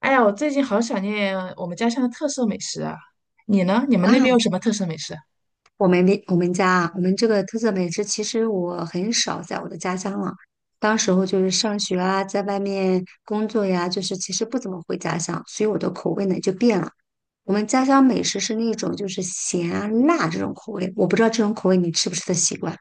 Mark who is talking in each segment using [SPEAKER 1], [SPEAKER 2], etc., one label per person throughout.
[SPEAKER 1] 哎呀，我最近好想念我们家乡的特色美食啊！你呢？你们
[SPEAKER 2] 哇，
[SPEAKER 1] 那边有什么特色美食啊？
[SPEAKER 2] 我们家啊，我们这个特色美食，其实我很少在我的家乡了。当时候就是上学啊，在外面工作呀，就是其实不怎么回家乡，所以我的口味呢就变了。我们家乡美食是那种就是咸啊辣这种口味，我不知道这种口味你吃不吃得习惯。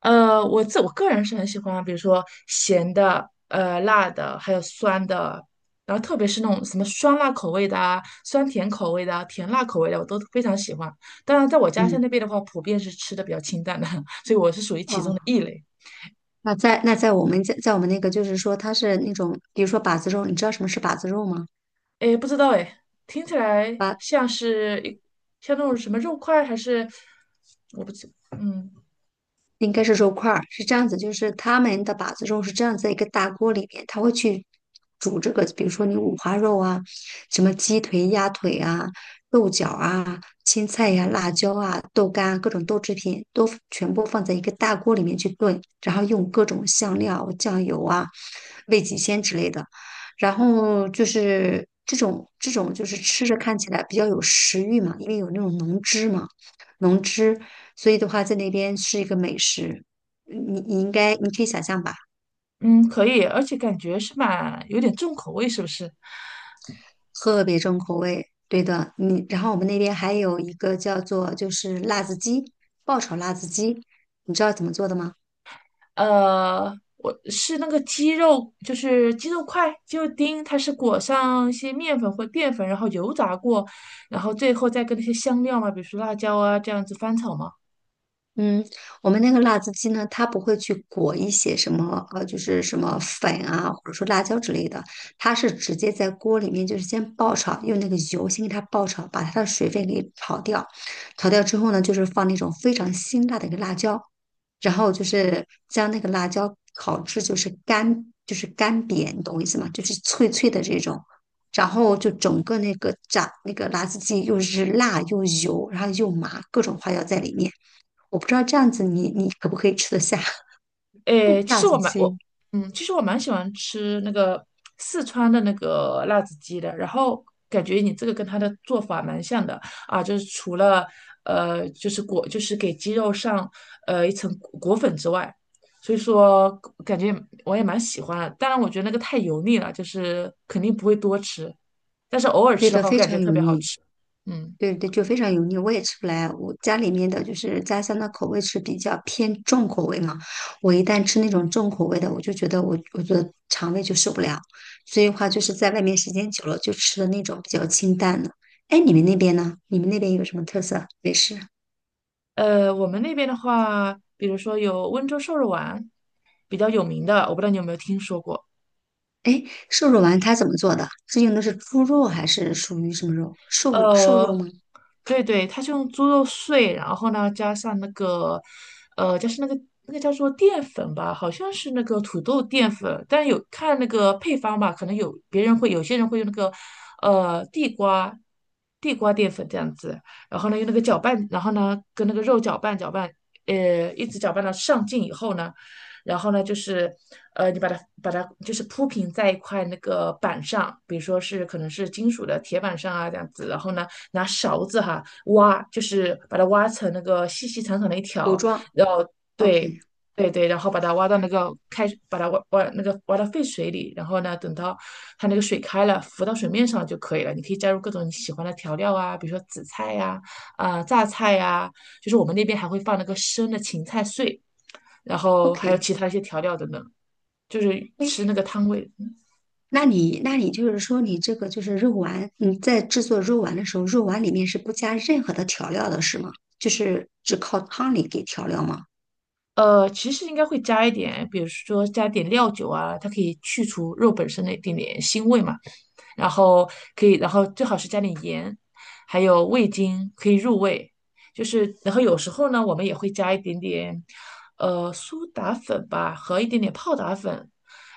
[SPEAKER 1] 我自我个人是很喜欢，比如说咸的、辣的，还有酸的，然后特别是那种什么酸辣口味的啊、酸甜口味的啊、甜辣口味的，我都非常喜欢。当然，在我家乡
[SPEAKER 2] 嗯。
[SPEAKER 1] 那边的话，普遍是吃的比较清淡的，所以我是属于其中
[SPEAKER 2] 哦。
[SPEAKER 1] 的异类。
[SPEAKER 2] 那在那在我们在在我们那个就是说它是那种，比如说把子肉，你知道什么是把子肉吗？
[SPEAKER 1] 哎，不知道哎，听起来像是一像那种什么肉块，还是我不知，嗯。
[SPEAKER 2] 应该是肉块儿，是这样子，就是他们的把子肉是这样子一个大锅里面，他会去煮这个，比如说你五花肉啊，什么鸡腿、鸭腿啊、豆角啊、青菜呀、辣椒啊、豆干啊、各种豆制品都全部放在一个大锅里面去炖，然后用各种香料、酱油啊、味极鲜之类的，然后就是这种就是吃着看起来比较有食欲嘛，因为有那种浓汁嘛。能吃，所以的话在那边是一个美食，你你应该你可以想象吧。
[SPEAKER 1] 嗯，可以，而且感觉是蛮有点重口味，是不是？
[SPEAKER 2] 特别重口味。对的，你然后我们那边还有一个叫做就是辣子鸡，爆炒辣子鸡，你知道怎么做的吗？
[SPEAKER 1] 我是那个鸡肉，就是鸡肉块、鸡肉丁，它是裹上一些面粉或淀粉，然后油炸过，然后最后再跟那些香料嘛，比如说辣椒啊这样子翻炒嘛。
[SPEAKER 2] 嗯，我们那个辣子鸡呢，它不会去裹一些什么就是什么粉啊，或者说辣椒之类的，它是直接在锅里面就是先爆炒，用那个油先给它爆炒，把它的水分给炒掉。炒掉之后呢，就是放那种非常辛辣的一个辣椒，然后就是将那个辣椒烤至就是干，就是干瘪，你懂我意思吗？就是脆脆的这种。然后就整个那个炸那个辣子鸡又是辣又油，然后又麻，各种花椒在里面。我不知道这样子你可不可以吃得下
[SPEAKER 1] 诶，其
[SPEAKER 2] 炸
[SPEAKER 1] 实我
[SPEAKER 2] 子
[SPEAKER 1] 蛮我
[SPEAKER 2] 鸡？
[SPEAKER 1] 嗯，其实我蛮喜欢吃那个四川的那个辣子鸡的，然后感觉你这个跟它的做法蛮像的啊，就是除了就是给鸡肉上一层裹粉之外，所以说感觉我也蛮喜欢的。当然，我觉得那个太油腻了，就是肯定不会多吃，但是偶尔
[SPEAKER 2] 对
[SPEAKER 1] 吃的
[SPEAKER 2] 的，
[SPEAKER 1] 话，我
[SPEAKER 2] 非
[SPEAKER 1] 感觉
[SPEAKER 2] 常
[SPEAKER 1] 特
[SPEAKER 2] 油
[SPEAKER 1] 别好
[SPEAKER 2] 腻。
[SPEAKER 1] 吃。嗯，
[SPEAKER 2] 对对，就非常油腻，我也吃不来。我家里面的就是家乡的口味是比较偏重口味嘛，我一旦吃那种重口味的，我就觉得我的肠胃就受不了。所以的话就是在外面时间久了，就吃的那种比较清淡的。哎，你们那边呢？你们那边有什么特色美食？
[SPEAKER 1] 我们那边的话，比如说有温州瘦肉丸，比较有名的，我不知道你有没有听说过。
[SPEAKER 2] 哎，瘦肉丸它怎么做的？是用的是猪肉还是属于什么肉？瘦的瘦肉
[SPEAKER 1] 呃，
[SPEAKER 2] 吗？
[SPEAKER 1] 对对，它是用猪肉碎，然后呢加上那个，加上那个叫做淀粉吧，好像是那个土豆淀粉，但有看那个配方吧，可能有别人会有些人会用那个，地瓜淀粉这样子，然后呢用那个搅拌，然后呢跟那个肉搅拌搅拌，一直搅拌到上劲以后呢。然后呢，就是你把它就是铺平在一块那个板上，比如说是可能是金属的铁板上啊这样子，然后呢，拿勺子哈挖，就是把它挖成那个细细长长的一
[SPEAKER 2] 狗
[SPEAKER 1] 条，
[SPEAKER 2] 壮
[SPEAKER 1] 然后对。
[SPEAKER 2] ？OK。
[SPEAKER 1] 对对，然后把它挖到那个开，把它挖挖那个挖到沸水里，然后呢，等到它那个水开了，浮到水面上就可以了。你可以加入各种你喜欢的调料啊，比如说紫菜呀、啊、榨菜呀、就是我们那边还会放那个生的芹菜碎，然后还有
[SPEAKER 2] OK。
[SPEAKER 1] 其他一些调料等等，就是
[SPEAKER 2] 哎，
[SPEAKER 1] 吃那个汤味。
[SPEAKER 2] 那你就是说，你这个就是肉丸，你在制作肉丸的时候，肉丸里面是不加任何的调料的，是吗？就是只靠汤里给调料吗？
[SPEAKER 1] 其实应该会加一点，比如说加点料酒啊，它可以去除肉本身的一点点腥味嘛。然后可以，然后最好是加点盐，还有味精可以入味。就是，然后有时候呢，我们也会加一点点，苏打粉吧，和一点点泡打粉，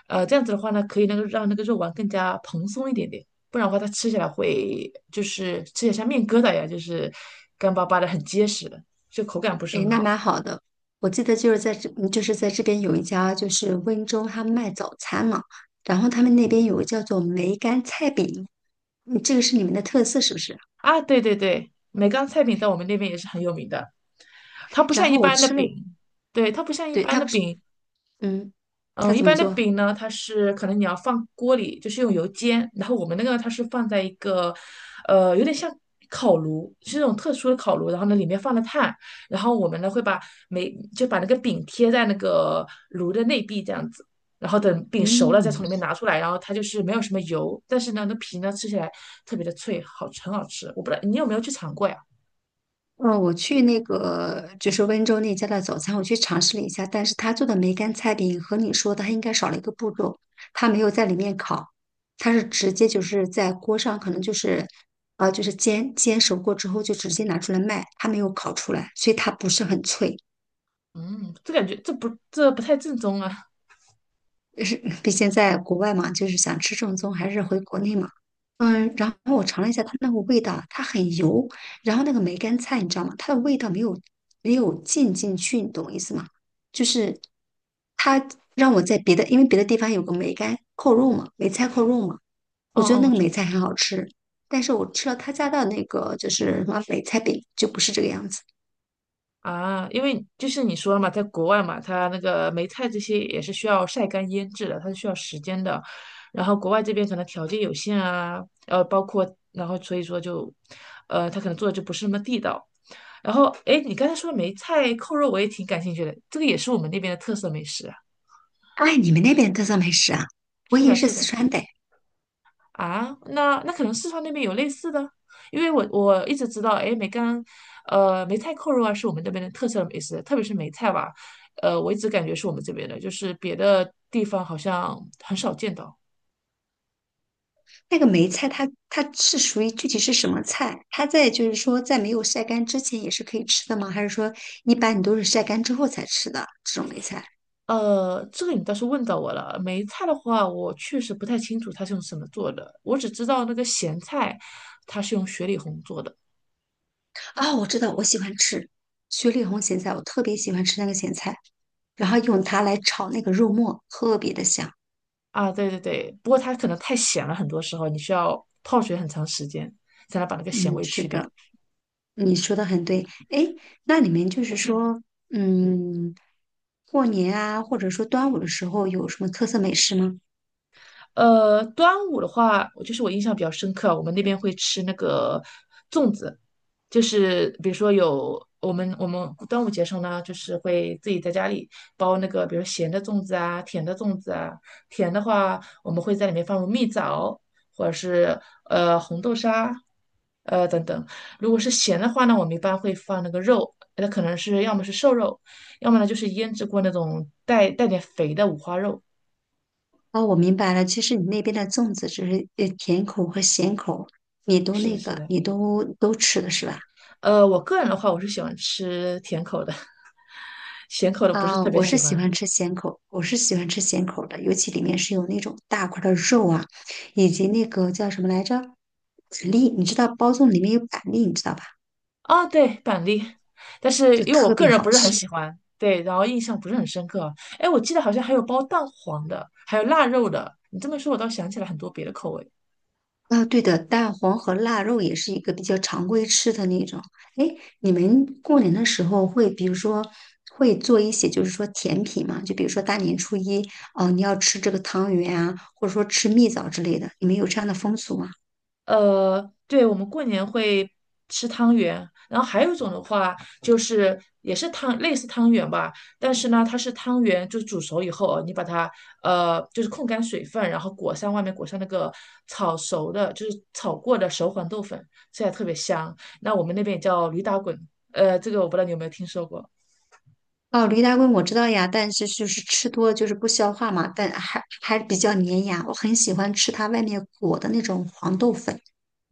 [SPEAKER 1] 这样子的话呢，可以那个让那个肉丸更加蓬松一点点，不然的话它吃起来会就是吃起来像面疙瘩一样，就是干巴巴的，很结实的，就口感不是
[SPEAKER 2] 哎，
[SPEAKER 1] 很
[SPEAKER 2] 那
[SPEAKER 1] 好。
[SPEAKER 2] 蛮好的。我记得就是在这，就是在这边有一家就是温州，他卖早餐嘛，然后他们那边有个叫做梅干菜饼，嗯，这个是你们的特色是不是？
[SPEAKER 1] 啊。对对对，梅干菜饼在我们那边也是很有名的，它不
[SPEAKER 2] 然
[SPEAKER 1] 像一
[SPEAKER 2] 后我
[SPEAKER 1] 般的
[SPEAKER 2] 吃了，
[SPEAKER 1] 饼，对，它不像一
[SPEAKER 2] 对，
[SPEAKER 1] 般
[SPEAKER 2] 他
[SPEAKER 1] 的
[SPEAKER 2] 不是，
[SPEAKER 1] 饼，
[SPEAKER 2] 嗯，他
[SPEAKER 1] 嗯，一
[SPEAKER 2] 怎么
[SPEAKER 1] 般的
[SPEAKER 2] 做？
[SPEAKER 1] 饼呢，它是可能你要放锅里，就是用油煎，然后我们那个它是放在一个，有点像烤炉，是那种特殊的烤炉，然后呢里面放了炭，然后我们呢会把就把那个饼贴在那个炉的内壁这样子，然后等饼熟了再
[SPEAKER 2] 嗯。
[SPEAKER 1] 从里面拿出来，然后它就是没有什么油，但是呢那皮呢吃起来特别的脆，好很好吃。我不知道你有没有去尝过呀？
[SPEAKER 2] 嗯，我去那个就是温州那家的早餐，我去尝试了一下，但是他做的梅干菜饼和你说的，他应该少了一个步骤，他没有在里面烤，他是直接就是在锅上，可能就是就是煎煎熟过之后就直接拿出来卖，他没有烤出来，所以它不是很脆。
[SPEAKER 1] 嗯，这感觉这不太正宗啊。
[SPEAKER 2] 是，毕竟在国外嘛，就是想吃正宗，还是回国内嘛。嗯，然后我尝了一下它那个味道，它很油，然后那个梅干菜你知道吗？它的味道没有浸进去，你懂我意思吗？就是它让我在别的，因为别的地方有个梅干扣肉嘛，梅菜扣肉嘛，我
[SPEAKER 1] 嗯
[SPEAKER 2] 觉得
[SPEAKER 1] 嗯，
[SPEAKER 2] 那
[SPEAKER 1] 我
[SPEAKER 2] 个
[SPEAKER 1] 知
[SPEAKER 2] 梅
[SPEAKER 1] 道。
[SPEAKER 2] 菜很好吃，但是我吃了他家的那个就是什么梅菜饼，就不是这个样子。
[SPEAKER 1] 啊，因为就是你说了嘛，在国外嘛，它那个梅菜这些也是需要晒干腌制的，它是需要时间的。然后国外这边可能条件有限啊，包括然后所以说就，他可能做的就不是那么地道。然后，哎，你刚才说梅菜扣肉，我也挺感兴趣的，这个也是我们那边的特色美食啊。
[SPEAKER 2] 哎，你们那边的特色美食啊？我
[SPEAKER 1] 是
[SPEAKER 2] 以为
[SPEAKER 1] 的，
[SPEAKER 2] 是
[SPEAKER 1] 是
[SPEAKER 2] 四
[SPEAKER 1] 的。
[SPEAKER 2] 川的。
[SPEAKER 1] 啊，那可能四川那边有类似的，因为我一直知道，哎，梅干，梅菜扣肉啊是我们这边的特色美食，特别是梅菜吧，我一直感觉是我们这边的，就是别的地方好像很少见到。
[SPEAKER 2] 那个梅菜它是属于具体是什么菜？它在就是说在没有晒干之前也是可以吃的吗？还是说一般你都是晒干之后才吃的这种梅菜？
[SPEAKER 1] 这个你倒是问到我了，梅菜的话，我确实不太清楚它是用什么做的，我只知道那个咸菜，它是用雪里红做的。
[SPEAKER 2] 啊、我知道，我喜欢吃雪里红咸菜，我特别喜欢吃那个咸菜，然后用它来炒那个肉末，特别的香。
[SPEAKER 1] 啊，对对对，不过它可能太咸了，很多时候你需要泡水很长时间才能把那个咸
[SPEAKER 2] 嗯，
[SPEAKER 1] 味
[SPEAKER 2] 是
[SPEAKER 1] 去掉。
[SPEAKER 2] 的，你说的很对。哎，那你们就是说，嗯，过年啊，或者说端午的时候有什么特色美食吗？
[SPEAKER 1] 端午的话，我就是我印象比较深刻，我们那边会吃那个粽子，就是比如说有我们端午节上呢，就是会自己在家里包那个，比如咸的粽子啊，甜的粽子啊。甜的话，我们会在里面放入蜜枣，或者是红豆沙，等等。如果是咸的话呢，我们一般会放那个肉，那可能是要么是瘦肉，要么呢就是腌制过那种带点肥的五花肉。
[SPEAKER 2] 哦，我明白了。其实你那边的粽子只是甜口和咸口，你都
[SPEAKER 1] 是的
[SPEAKER 2] 那
[SPEAKER 1] 是
[SPEAKER 2] 个，
[SPEAKER 1] 的。
[SPEAKER 2] 你都吃的是吧？
[SPEAKER 1] 我个人的话，我是喜欢吃甜口的，咸口的不是
[SPEAKER 2] 啊，
[SPEAKER 1] 特别
[SPEAKER 2] 我是
[SPEAKER 1] 喜
[SPEAKER 2] 喜
[SPEAKER 1] 欢。
[SPEAKER 2] 欢吃咸口，我是喜欢吃咸口的，尤其里面是有那种大块儿的肉啊，以及那个叫什么来着，板栗，你知道包粽里面有板栗，你知道吧？
[SPEAKER 1] 哦，对，板栗，但是
[SPEAKER 2] 就
[SPEAKER 1] 因为我
[SPEAKER 2] 特
[SPEAKER 1] 个
[SPEAKER 2] 别
[SPEAKER 1] 人
[SPEAKER 2] 好
[SPEAKER 1] 不是很
[SPEAKER 2] 吃。
[SPEAKER 1] 喜欢，对，然后印象不是很深刻。哎，我记得好像还有包蛋黄的，还有腊肉的。你这么一说，我倒想起来很多别的口味。
[SPEAKER 2] 啊，对的，蛋黄和腊肉也是一个比较常规吃的那种。哎，你们过年的时候会，比如说会做一些，就是说甜品嘛，就比如说大年初一，哦，你要吃这个汤圆啊，或者说吃蜜枣之类的，你们有这样的风俗吗？
[SPEAKER 1] 对，我们过年会吃汤圆，然后还有一种的话就是也是汤，类似汤圆吧，但是呢，它是汤圆，就是煮熟以后啊，你把它就是控干水分，然后外面裹上那个炒熟的，就是炒过的熟黄豆粉，吃起来特别香。那我们那边也叫驴打滚，这个我不知道你有没有听说过。
[SPEAKER 2] 哦，驴打滚我知道呀，但是就是吃多了就是不消化嘛，但还比较粘牙，我很喜欢吃它外面裹的那种黄豆粉。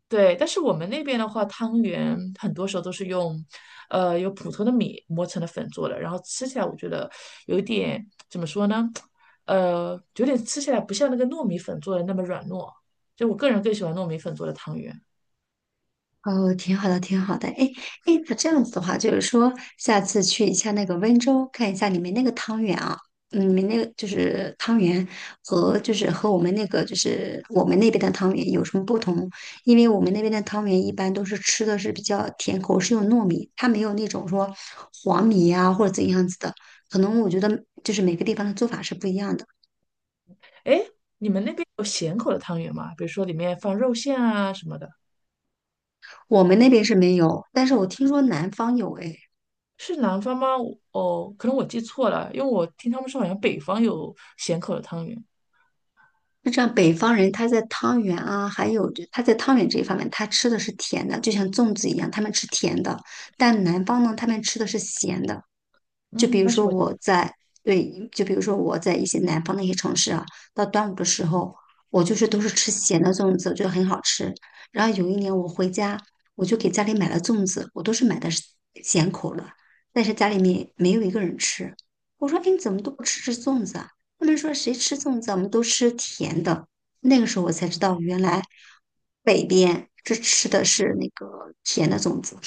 [SPEAKER 1] 对，但是我们那边的话，汤圆很多时候都是用，用普通的米磨成的粉做的，然后吃起来我觉得有一点怎么说呢，有点吃起来不像那个糯米粉做的那么软糯，就我个人更喜欢糯米粉做的汤圆。
[SPEAKER 2] 哦，挺好的，挺好的。哎，哎，那这样子的话，就是说下次去一下那个温州，看一下你们那个汤圆啊，嗯，你们那个就是汤圆和就是和我们那个就是我们那边的汤圆有什么不同？因为我们那边的汤圆一般都是吃的是比较甜口，是用糯米，它没有那种说黄米啊或者怎样子的。可能我觉得就是每个地方的做法是不一样的，
[SPEAKER 1] 哎，你们那边有咸口的汤圆吗？比如说里面放肉馅啊什么的，
[SPEAKER 2] 我们那边是没有，但是我听说南方有哎。
[SPEAKER 1] 是南方吗？哦，可能我记错了，因为我听他们说好像北方有咸口的汤圆。
[SPEAKER 2] 就这样，北方人他在汤圆啊，还有就他在汤圆这一方面，他吃的是甜的，就像粽子一样，他们吃甜的；但南方呢，他们吃的是咸的。就比
[SPEAKER 1] 嗯，
[SPEAKER 2] 如
[SPEAKER 1] 那是
[SPEAKER 2] 说
[SPEAKER 1] 我。
[SPEAKER 2] 我在对，就比如说我在一些南方的一些城市啊，到端午的时候，我就是都是吃咸的粽子，我觉得很好吃。然后有一年我回家，我就给家里买了粽子，我都是买的是咸口的，但是家里面没有一个人吃。我说：“哎，你怎么都不吃粽子啊？”他们说：“谁吃粽子啊，我们都吃甜的。”那个时候我才知道，原来北边这吃的是那个甜的粽子。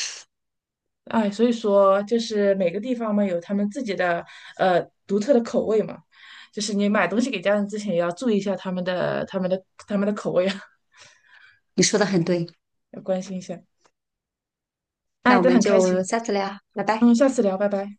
[SPEAKER 1] 哎，所以说就是每个地方嘛有他们自己的独特的口味嘛，就是你买东西给家人之前也要注意一下他们的口味啊，
[SPEAKER 2] 你说的很对，
[SPEAKER 1] 要关心一下。哎，
[SPEAKER 2] 那我
[SPEAKER 1] 都
[SPEAKER 2] 们
[SPEAKER 1] 很开
[SPEAKER 2] 就
[SPEAKER 1] 心，
[SPEAKER 2] 下次聊，拜拜。
[SPEAKER 1] 嗯，下次聊，拜拜。